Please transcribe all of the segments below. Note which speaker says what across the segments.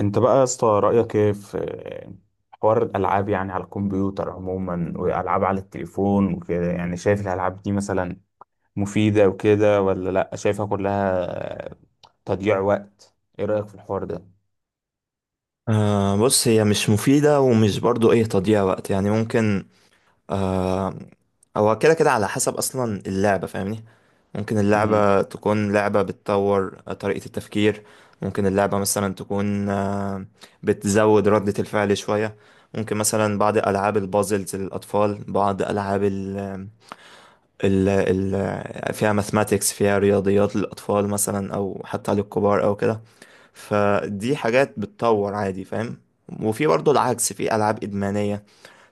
Speaker 1: انت بقى يا اسطى، رأيك ايه في حوار الألعاب؟ يعني على الكمبيوتر عموما، وألعاب على التليفون وكده. يعني شايف الألعاب دي مثلا مفيدة وكده ولا لأ؟ شايفها كلها تضييع وقت؟ ايه رأيك في الحوار ده؟
Speaker 2: بص هي مش مفيدة ومش برضو تضييع وقت يعني ممكن آه هو كده كده على حسب اصلا اللعبة فاهمني. ممكن
Speaker 1: مهم.
Speaker 2: اللعبة تكون لعبة بتطور طريقة التفكير. ممكن اللعبة مثلا تكون بتزود ردة الفعل شوية. ممكن مثلا بعض ألعاب البازلز للأطفال، بعض ألعاب ال فيها ماثماتيكس، فيها رياضيات للأطفال مثلا أو حتى للكبار أو كده. فدي حاجات بتطور عادي فاهم. وفي برضه العكس، في ألعاب إدمانية،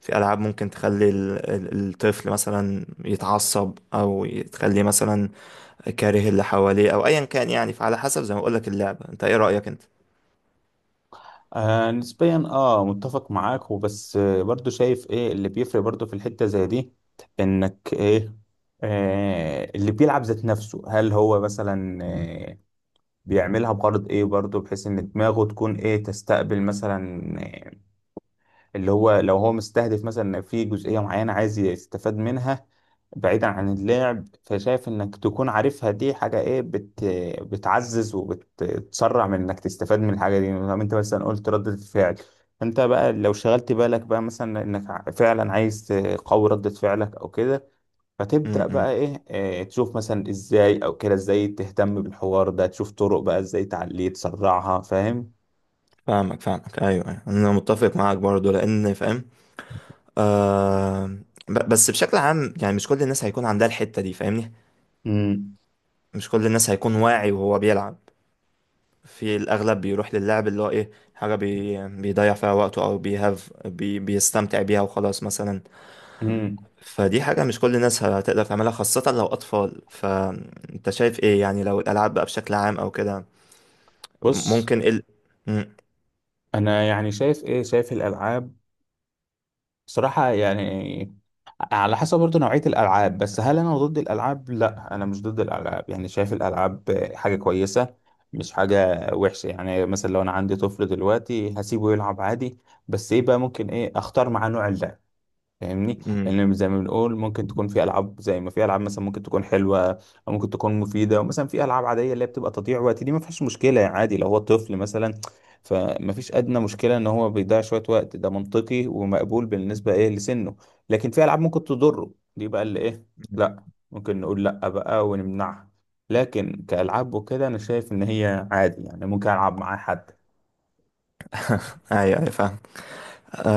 Speaker 2: في ألعاب ممكن تخلي الطفل مثلا يتعصب أو تخليه مثلا كاره اللي حواليه أو أيا كان، يعني فعلى حسب زي ما بقولك اللعبة. أنت إيه رأيك أنت؟
Speaker 1: نسبيا متفق معاك، وبس برضو شايف ايه اللي بيفرق برضو في الحتة زي دي. انك ايه، اللي بيلعب ذات نفسه هل هو مثلا بيعملها بغرض ايه برضه، بحيث ان دماغه تكون ايه، تستقبل مثلا إيه، اللي هو لو هو مستهدف مثلا إن في جزئية معينة عايز يستفاد منها بعيدا عن اللعب. فشايف انك تكون عارفها دي حاجة ايه، بتعزز وبتسرع من انك تستفاد من الحاجة دي. لما انت مثلا قلت ردة الفعل، انت بقى لو شغلت بالك بقى مثلا انك فعلا عايز تقوي ردة فعلك او كده، فتبدأ بقى
Speaker 2: امم
Speaker 1: إيه، تشوف مثلا إزاي، أو كده إزاي تهتم بالحوار ده، تشوف طرق بقى إزاي تعليه تسرعها، فاهم.
Speaker 2: فاهمك، أيوه، أنا متفق معاك برضه لأن فاهم. آه، بس بشكل عام يعني مش كل الناس هيكون عندها الحتة دي فاهمني.
Speaker 1: امم
Speaker 2: مش كل الناس هيكون واعي وهو بيلعب. في الأغلب بيروح للعب اللي هو إيه، حاجة بيضيع فيها وقته أو بيهاف بي بيستمتع بيها وخلاص مثلا.
Speaker 1: مم.
Speaker 2: فدي حاجة مش كل الناس هتقدر تعملها، خاصة لو أطفال. فأنت شايف إيه يعني لو الألعاب بقى بشكل عام أو كده؟
Speaker 1: بص،
Speaker 2: ممكن إيه ال... مم.
Speaker 1: أنا يعني شايف إيه، شايف الألعاب صراحة يعني على حسب برضه نوعية الألعاب. بس هل أنا ضد الألعاب؟ لا، أنا مش ضد الألعاب. يعني شايف الألعاب حاجة كويسة، مش حاجة وحشة. يعني مثلا لو أنا عندي طفل دلوقتي هسيبه يلعب عادي، بس إيه بقى، ممكن إيه، أختار معاه نوع اللعب، فاهمني.
Speaker 2: مم.
Speaker 1: لان زي ما بنقول ممكن تكون في العاب، زي ما في العاب مثلا ممكن تكون حلوه او ممكن تكون مفيده، ومثلا في العاب عاديه اللي هي بتبقى تضييع وقت. دي ما فيهاش مشكله يعني، عادي لو هو طفل مثلا، فما فيش ادنى مشكله ان هو بيضيع شويه وقت. ده منطقي ومقبول بالنسبه ايه لسنه. لكن في العاب ممكن تضره، دي بقى اللي ايه، لا، ممكن نقول لا بقى ونمنعها. لكن كالعاب وكده انا شايف ان هي عادي، يعني ممكن العب معاه حد.
Speaker 2: أيوه أيوه فاهم.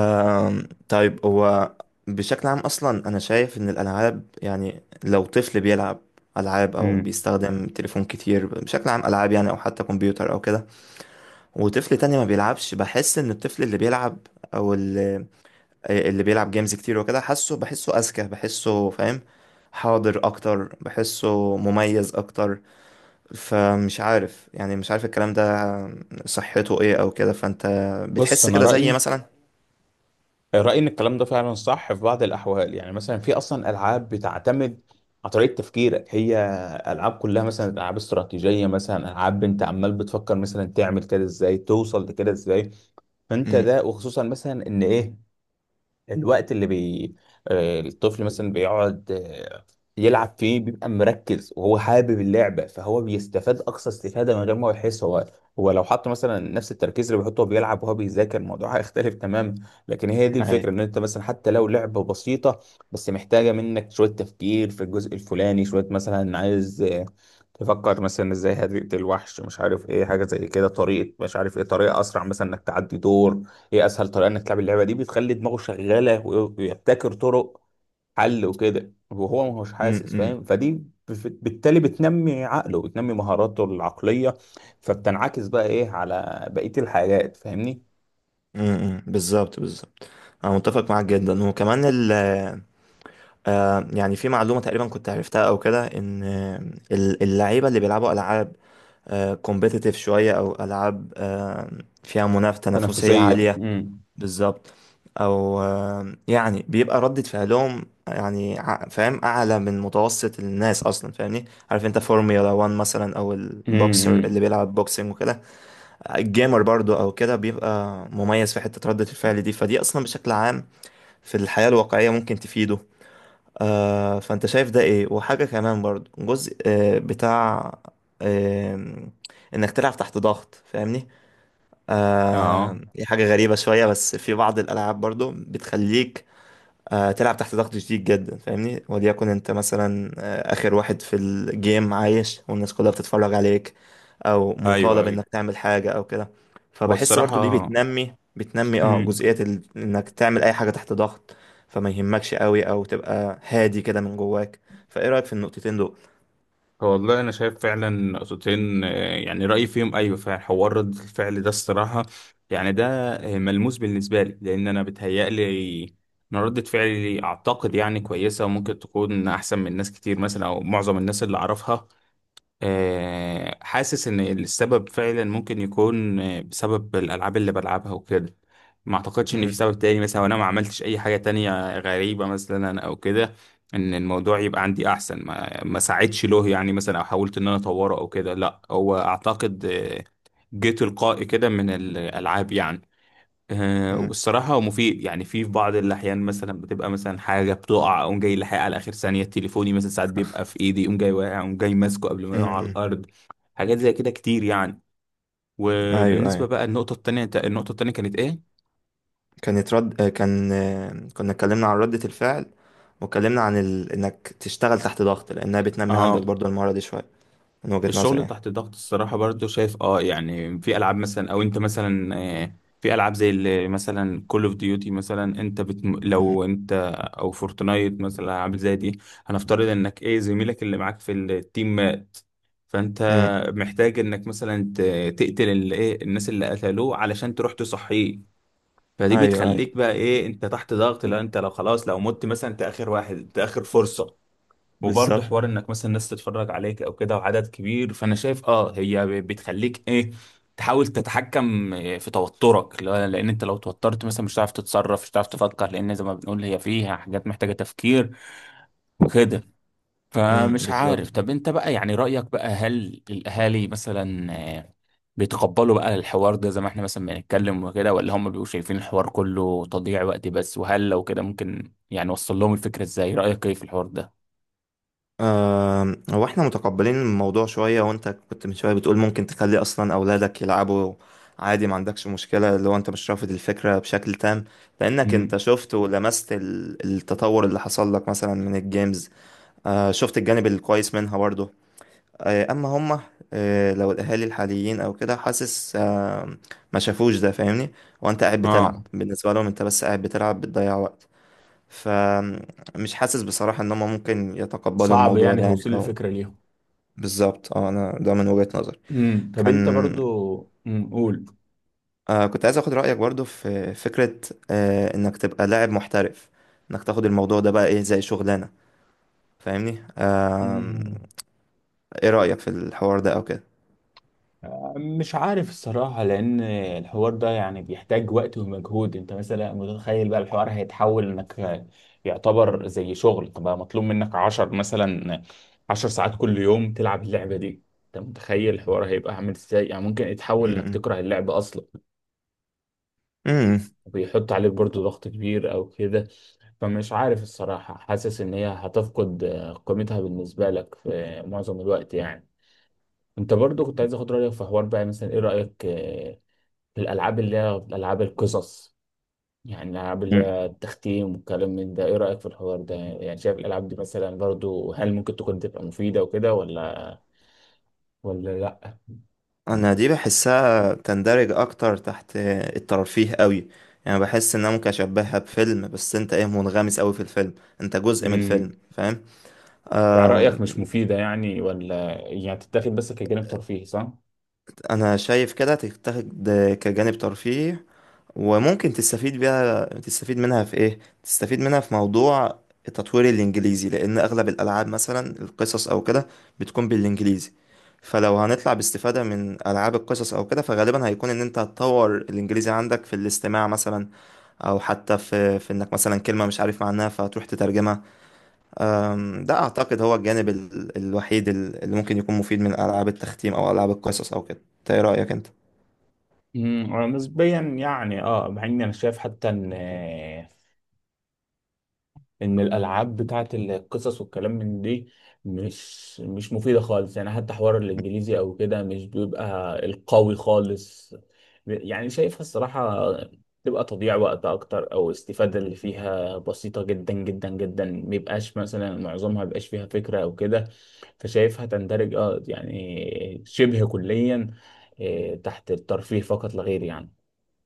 Speaker 2: طيب هو بشكل عام أصلا أنا شايف إن الألعاب، يعني لو طفل بيلعب ألعاب أو
Speaker 1: امم.
Speaker 2: بيستخدم تليفون كتير بشكل عام، ألعاب يعني أو حتى كمبيوتر أو كده، وطفل تاني ما بيلعبش، بحس ان الطفل اللي بيلعب او اللي, اللي بيلعب جيمز كتير وكده، حاسه بحسه اذكى، بحسه فاهم، حاضر اكتر، بحسه مميز اكتر. فمش عارف يعني، مش عارف الكلام ده صحته ايه او كده. فانت
Speaker 1: بص،
Speaker 2: بتحس
Speaker 1: انا
Speaker 2: كده زي
Speaker 1: رايي،
Speaker 2: مثلا؟
Speaker 1: رأيي إن الكلام ده فعلا صح في بعض الأحوال. يعني مثلا في أصلا ألعاب بتعتمد على طريقة تفكيرك، هي ألعاب كلها مثلا ألعاب استراتيجية، مثلا ألعاب أنت عمال بتفكر مثلا تعمل كده إزاي، توصل لكده إزاي. فأنت
Speaker 2: امم
Speaker 1: ده، وخصوصا مثلا إن إيه الوقت اللي الطفل مثلا بيقعد، يلعب فيه، بيبقى مركز وهو حابب اللعبة، فهو بيستفاد أقصى استفادة من غير ما هو يحس. هو هو لو حط مثلا نفس التركيز اللي بيحطه وهو بيلعب وهو بيذاكر الموضوع، هيختلف تماما. لكن هي دي
Speaker 2: اي.
Speaker 1: الفكرة، إن أنت مثلا حتى لو لعبة بسيطة بس محتاجة منك شوية تفكير في الجزء الفلاني، شوية مثلا عايز تفكر مثلا ازاي هتقتل الوحش، مش عارف ايه، حاجة زي كده، طريقة مش عارف ايه، طريقة أسرع مثلا إنك تعدي دور. هي اسهل طريقه انك تلعب اللعبه دي، بتخلي دماغه شغاله ويبتكر طرق حل وكده وهو ما هوش حاسس،
Speaker 2: امم
Speaker 1: فاهم. فدي بالتالي بتنمي عقله، بتنمي مهاراته العقليه، فبتنعكس بقى ايه على بقيه الحاجات، فاهمني.
Speaker 2: امم، بالظبط بالظبط. انا متفق معاك جدا. وكمان ال... يعني في معلومه تقريبا كنت عرفتها او كده، ان اللعيبه اللي بيلعبوا العاب كومبيتيتيف شوية، أو ألعاب فيها منافسة، تنافسية
Speaker 1: تنافسيه،
Speaker 2: عالية،
Speaker 1: امم.
Speaker 2: بالظبط. أو يعني بيبقى ردة فعلهم يعني فاهم أعلى من متوسط الناس أصلا فاهمني. عارف أنت فورميولا 1 مثلا، أو البوكسر اللي
Speaker 1: امم،
Speaker 2: بيلعب بوكسنج وكده، الجيمر برضو أو كده، بيبقى مميز في حتة ردة الفعل دي. فدي أصلا بشكل عام في الحياة الواقعية ممكن تفيده. آه، فانت شايف ده ايه. وحاجة كمان برضو، جزء بتاع آه انك تلعب تحت ضغط فاهمني.
Speaker 1: اه،
Speaker 2: آه، دي حاجة غريبة شوية، بس في بعض الالعاب برضو بتخليك تلعب تحت ضغط شديد جدا فاهمني. وليكن انت مثلا اخر واحد في الجيم عايش، والناس كلها بتتفرج عليك، او
Speaker 1: ايوه
Speaker 2: مطالب
Speaker 1: ايوه.
Speaker 2: انك تعمل حاجة او كده.
Speaker 1: هو
Speaker 2: فبحس برضو دي
Speaker 1: الصراحه
Speaker 2: بتنمي اه
Speaker 1: مم.
Speaker 2: جزئية ال... انك تعمل اي حاجة تحت ضغط، فما يهمكش قوي او تبقى هادي كده من جواك. فايه رأيك في النقطتين دول؟
Speaker 1: هو والله انا شايف فعلا نقطتين، يعني رايي فيهم ايوه فعلا. حوار رد الفعل ده الصراحه، يعني ده ملموس بالنسبه لي، لان انا بتهيألي ان ردة فعلي اعتقد يعني كويسه، وممكن تكون احسن من ناس كتير مثلا، او معظم الناس اللي اعرفها. حاسس ان السبب فعلا ممكن يكون بسبب الالعاب اللي بلعبها وكده. ما اعتقدش ان
Speaker 2: مم.
Speaker 1: في سبب تاني مثلا، وانا ما عملتش اي حاجة تانية غريبة مثلا او كده ان الموضوع يبقى عندي احسن. ما ساعدش له يعني مثلا، او حاولت ان انا اطوره او كده. لا، هو اعتقد جه تلقائي كده من الالعاب يعني.
Speaker 2: مم.
Speaker 1: والصراحة هو مفيد يعني. في بعض الأحيان مثلا بتبقى مثلا حاجة بتقع، أقوم جاي لاحقها على آخر ثانية. تليفوني مثلا، ساعات بيبقى في إيدي، أقوم جاي واقع، أقوم جاي ماسكه قبل ما
Speaker 2: مم.
Speaker 1: يقع على
Speaker 2: مم.
Speaker 1: الأرض. حاجات زي كده كتير يعني.
Speaker 2: ايوه
Speaker 1: وبالنسبة
Speaker 2: ايوه،
Speaker 1: بقى النقطة التانية، النقطة التانية كانت إيه؟
Speaker 2: كانت رد كان كنا اتكلمنا عن ردة الفعل، واتكلمنا عن ال... انك تشتغل تحت ضغط، لانها بتنمي
Speaker 1: آه،
Speaker 2: عندك برضو المهارة دي شوية، من وجهة نظري
Speaker 1: الشغل
Speaker 2: يعني.
Speaker 1: تحت الضغط الصراحة برضو شايف اه، يعني في ألعاب مثلا، أو أنت مثلا في ألعاب زي اللي مثلا كول اوف ديوتي مثلا. أنت بت...
Speaker 2: مم.
Speaker 1: لو أنت، أو فورتنايت مثلا، ألعاب زي دي. هنفترض إنك إيه، زميلك اللي معاك في التيم مات، فأنت
Speaker 2: مم.
Speaker 1: محتاج إنك مثلا ت... تقتل اللي إيه، الناس اللي قتلوه علشان تروح تصحيه. فدي
Speaker 2: ايوه ايوه
Speaker 1: بتخليك بقى إيه، أنت تحت ضغط. لو أنت، لو خلاص لو مت مثلا، أنت آخر واحد، أنت آخر فرصة. وبرضه
Speaker 2: بالظبط.
Speaker 1: حوار انك مثلا الناس تتفرج عليك او كده، وعدد كبير، فانا شايف اه هي بتخليك ايه، تحاول تتحكم إيه في توترك. لان انت لو توترت مثلا مش هتعرف تتصرف، مش هتعرف تفكر، لان زي ما بنقول هي فيها حاجات محتاجة تفكير وكده.
Speaker 2: مم.
Speaker 1: فمش عارف،
Speaker 2: بالظبط.
Speaker 1: طب انت بقى يعني رأيك بقى، هل الاهالي مثلا آه، بيتقبلوا بقى الحوار ده زي ما احنا مثلا بنتكلم وكده، ولا هم بيبقوا شايفين الحوار كله تضييع وقت بس؟ وهل لو كده، ممكن يعني وصل لهم الفكرة ازاي؟ رأيك ايه في الحوار ده؟
Speaker 2: هو احنا متقبلين الموضوع شوية، وانت كنت من شوية بتقول ممكن تخلي اصلا اولادك يلعبوا عادي، ما عندكش مشكلة، لو انت مش رافض الفكرة بشكل تام. لانك انت
Speaker 1: امم،
Speaker 2: شفت ولمست التطور اللي حصل لك مثلا من الجيمز. شفت الجانب الكويس منها برضه. اما هما لو الاهالي الحاليين او كده، حاسس ما شافوش ده فاهمني. وانت قاعد بتلعب،
Speaker 1: اه.
Speaker 2: بالنسبة لهم انت بس قاعد بتلعب بتضيع وقت. فمش حاسس بصراحة ان هم ممكن يتقبلوا
Speaker 1: صعب
Speaker 2: الموضوع
Speaker 1: يعني
Speaker 2: ده يعني،
Speaker 1: توصيل
Speaker 2: او
Speaker 1: الفكرة ليهم.
Speaker 2: بالظبط. اه، انا ده من وجهة نظري.
Speaker 1: امم. طب انت
Speaker 2: كان
Speaker 1: برضو. امم، قول.
Speaker 2: كنت عايز اخد رأيك برضو في فكرة، انك تبقى لاعب محترف، انك تاخد الموضوع ده بقى ايه زي شغلانة فاهمني. آه،
Speaker 1: امم،
Speaker 2: ايه رأيك في الحوار ده او كده؟
Speaker 1: مش عارف الصراحة، لأن الحوار ده يعني بيحتاج وقت ومجهود. انت مثلا متخيل بقى الحوار هيتحول انك يعتبر زي شغل بقى مطلوب منك عشر مثلا، عشر ساعات كل يوم تلعب اللعبة دي. انت متخيل الحوار هيبقى عامل ازاي؟ يعني ممكن يتحول انك
Speaker 2: م-
Speaker 1: تكره اللعبة أصلا،
Speaker 2: م-
Speaker 1: بيحط عليك برضو ضغط كبير او كده. فمش عارف الصراحة، حاسس ان هي هتفقد قيمتها بالنسبة لك في معظم الوقت يعني. انت برضو كنت عايز اخد رأيك في حوار بقى مثلا، ايه رأيك في الالعاب اللي هي العاب القصص؟ يعني الالعاب اللي
Speaker 2: م-
Speaker 1: هي التختيم والكلام من ده، ايه رأيك في الحوار ده؟ يعني شايف الالعاب دي مثلا برضو هل ممكن تكون تبقى مفيدة وكده ولا، ولا لا؟
Speaker 2: انا دي بحسها تندرج اكتر تحت الترفيه قوي. يعني بحس ان انا ممكن اشبهها بفيلم، بس انت ايه، منغمس قوي في الفيلم، انت جزء من
Speaker 1: امم.
Speaker 2: الفيلم.
Speaker 1: يعني رأيك مش
Speaker 2: فاهم.
Speaker 1: مفيدة يعني، ولا يعني تتاخد بس كجانب ترفيهي، صح؟
Speaker 2: انا شايف كده تتاخد كجانب ترفيهي، وممكن تستفيد بيها، تستفيد منها في ايه، تستفيد منها في موضوع تطوير الانجليزي، لان اغلب الالعاب مثلا القصص او كده بتكون بالانجليزي. فلو هنطلع باستفادة من العاب القصص او كده، فغالبا هيكون ان انت هتطور الانجليزي عندك في الاستماع مثلا، او حتى في انك مثلا كلمة مش عارف معناها فتروح تترجمها. ده اعتقد هو الجانب الوحيد اللي ممكن يكون مفيد من العاب التختيم او العاب القصص او كده. إنت ايه رأيك انت؟
Speaker 1: امم، أنا نسبيا يعني اه، مع اني انا شايف حتى ان ان الالعاب بتاعت القصص والكلام من دي مش مفيده خالص يعني. حتى حوار الانجليزي او كده مش بيبقى القوي خالص يعني. شايفها الصراحه تبقى تضييع وقت اكتر، او استفاده اللي فيها بسيطه جدا جدا جدا. ميبقاش مثلا معظمها ميبقاش فيها فكره او كده. فشايفها تندرج اه يعني شبه كليا تحت الترفيه فقط لا غير يعني.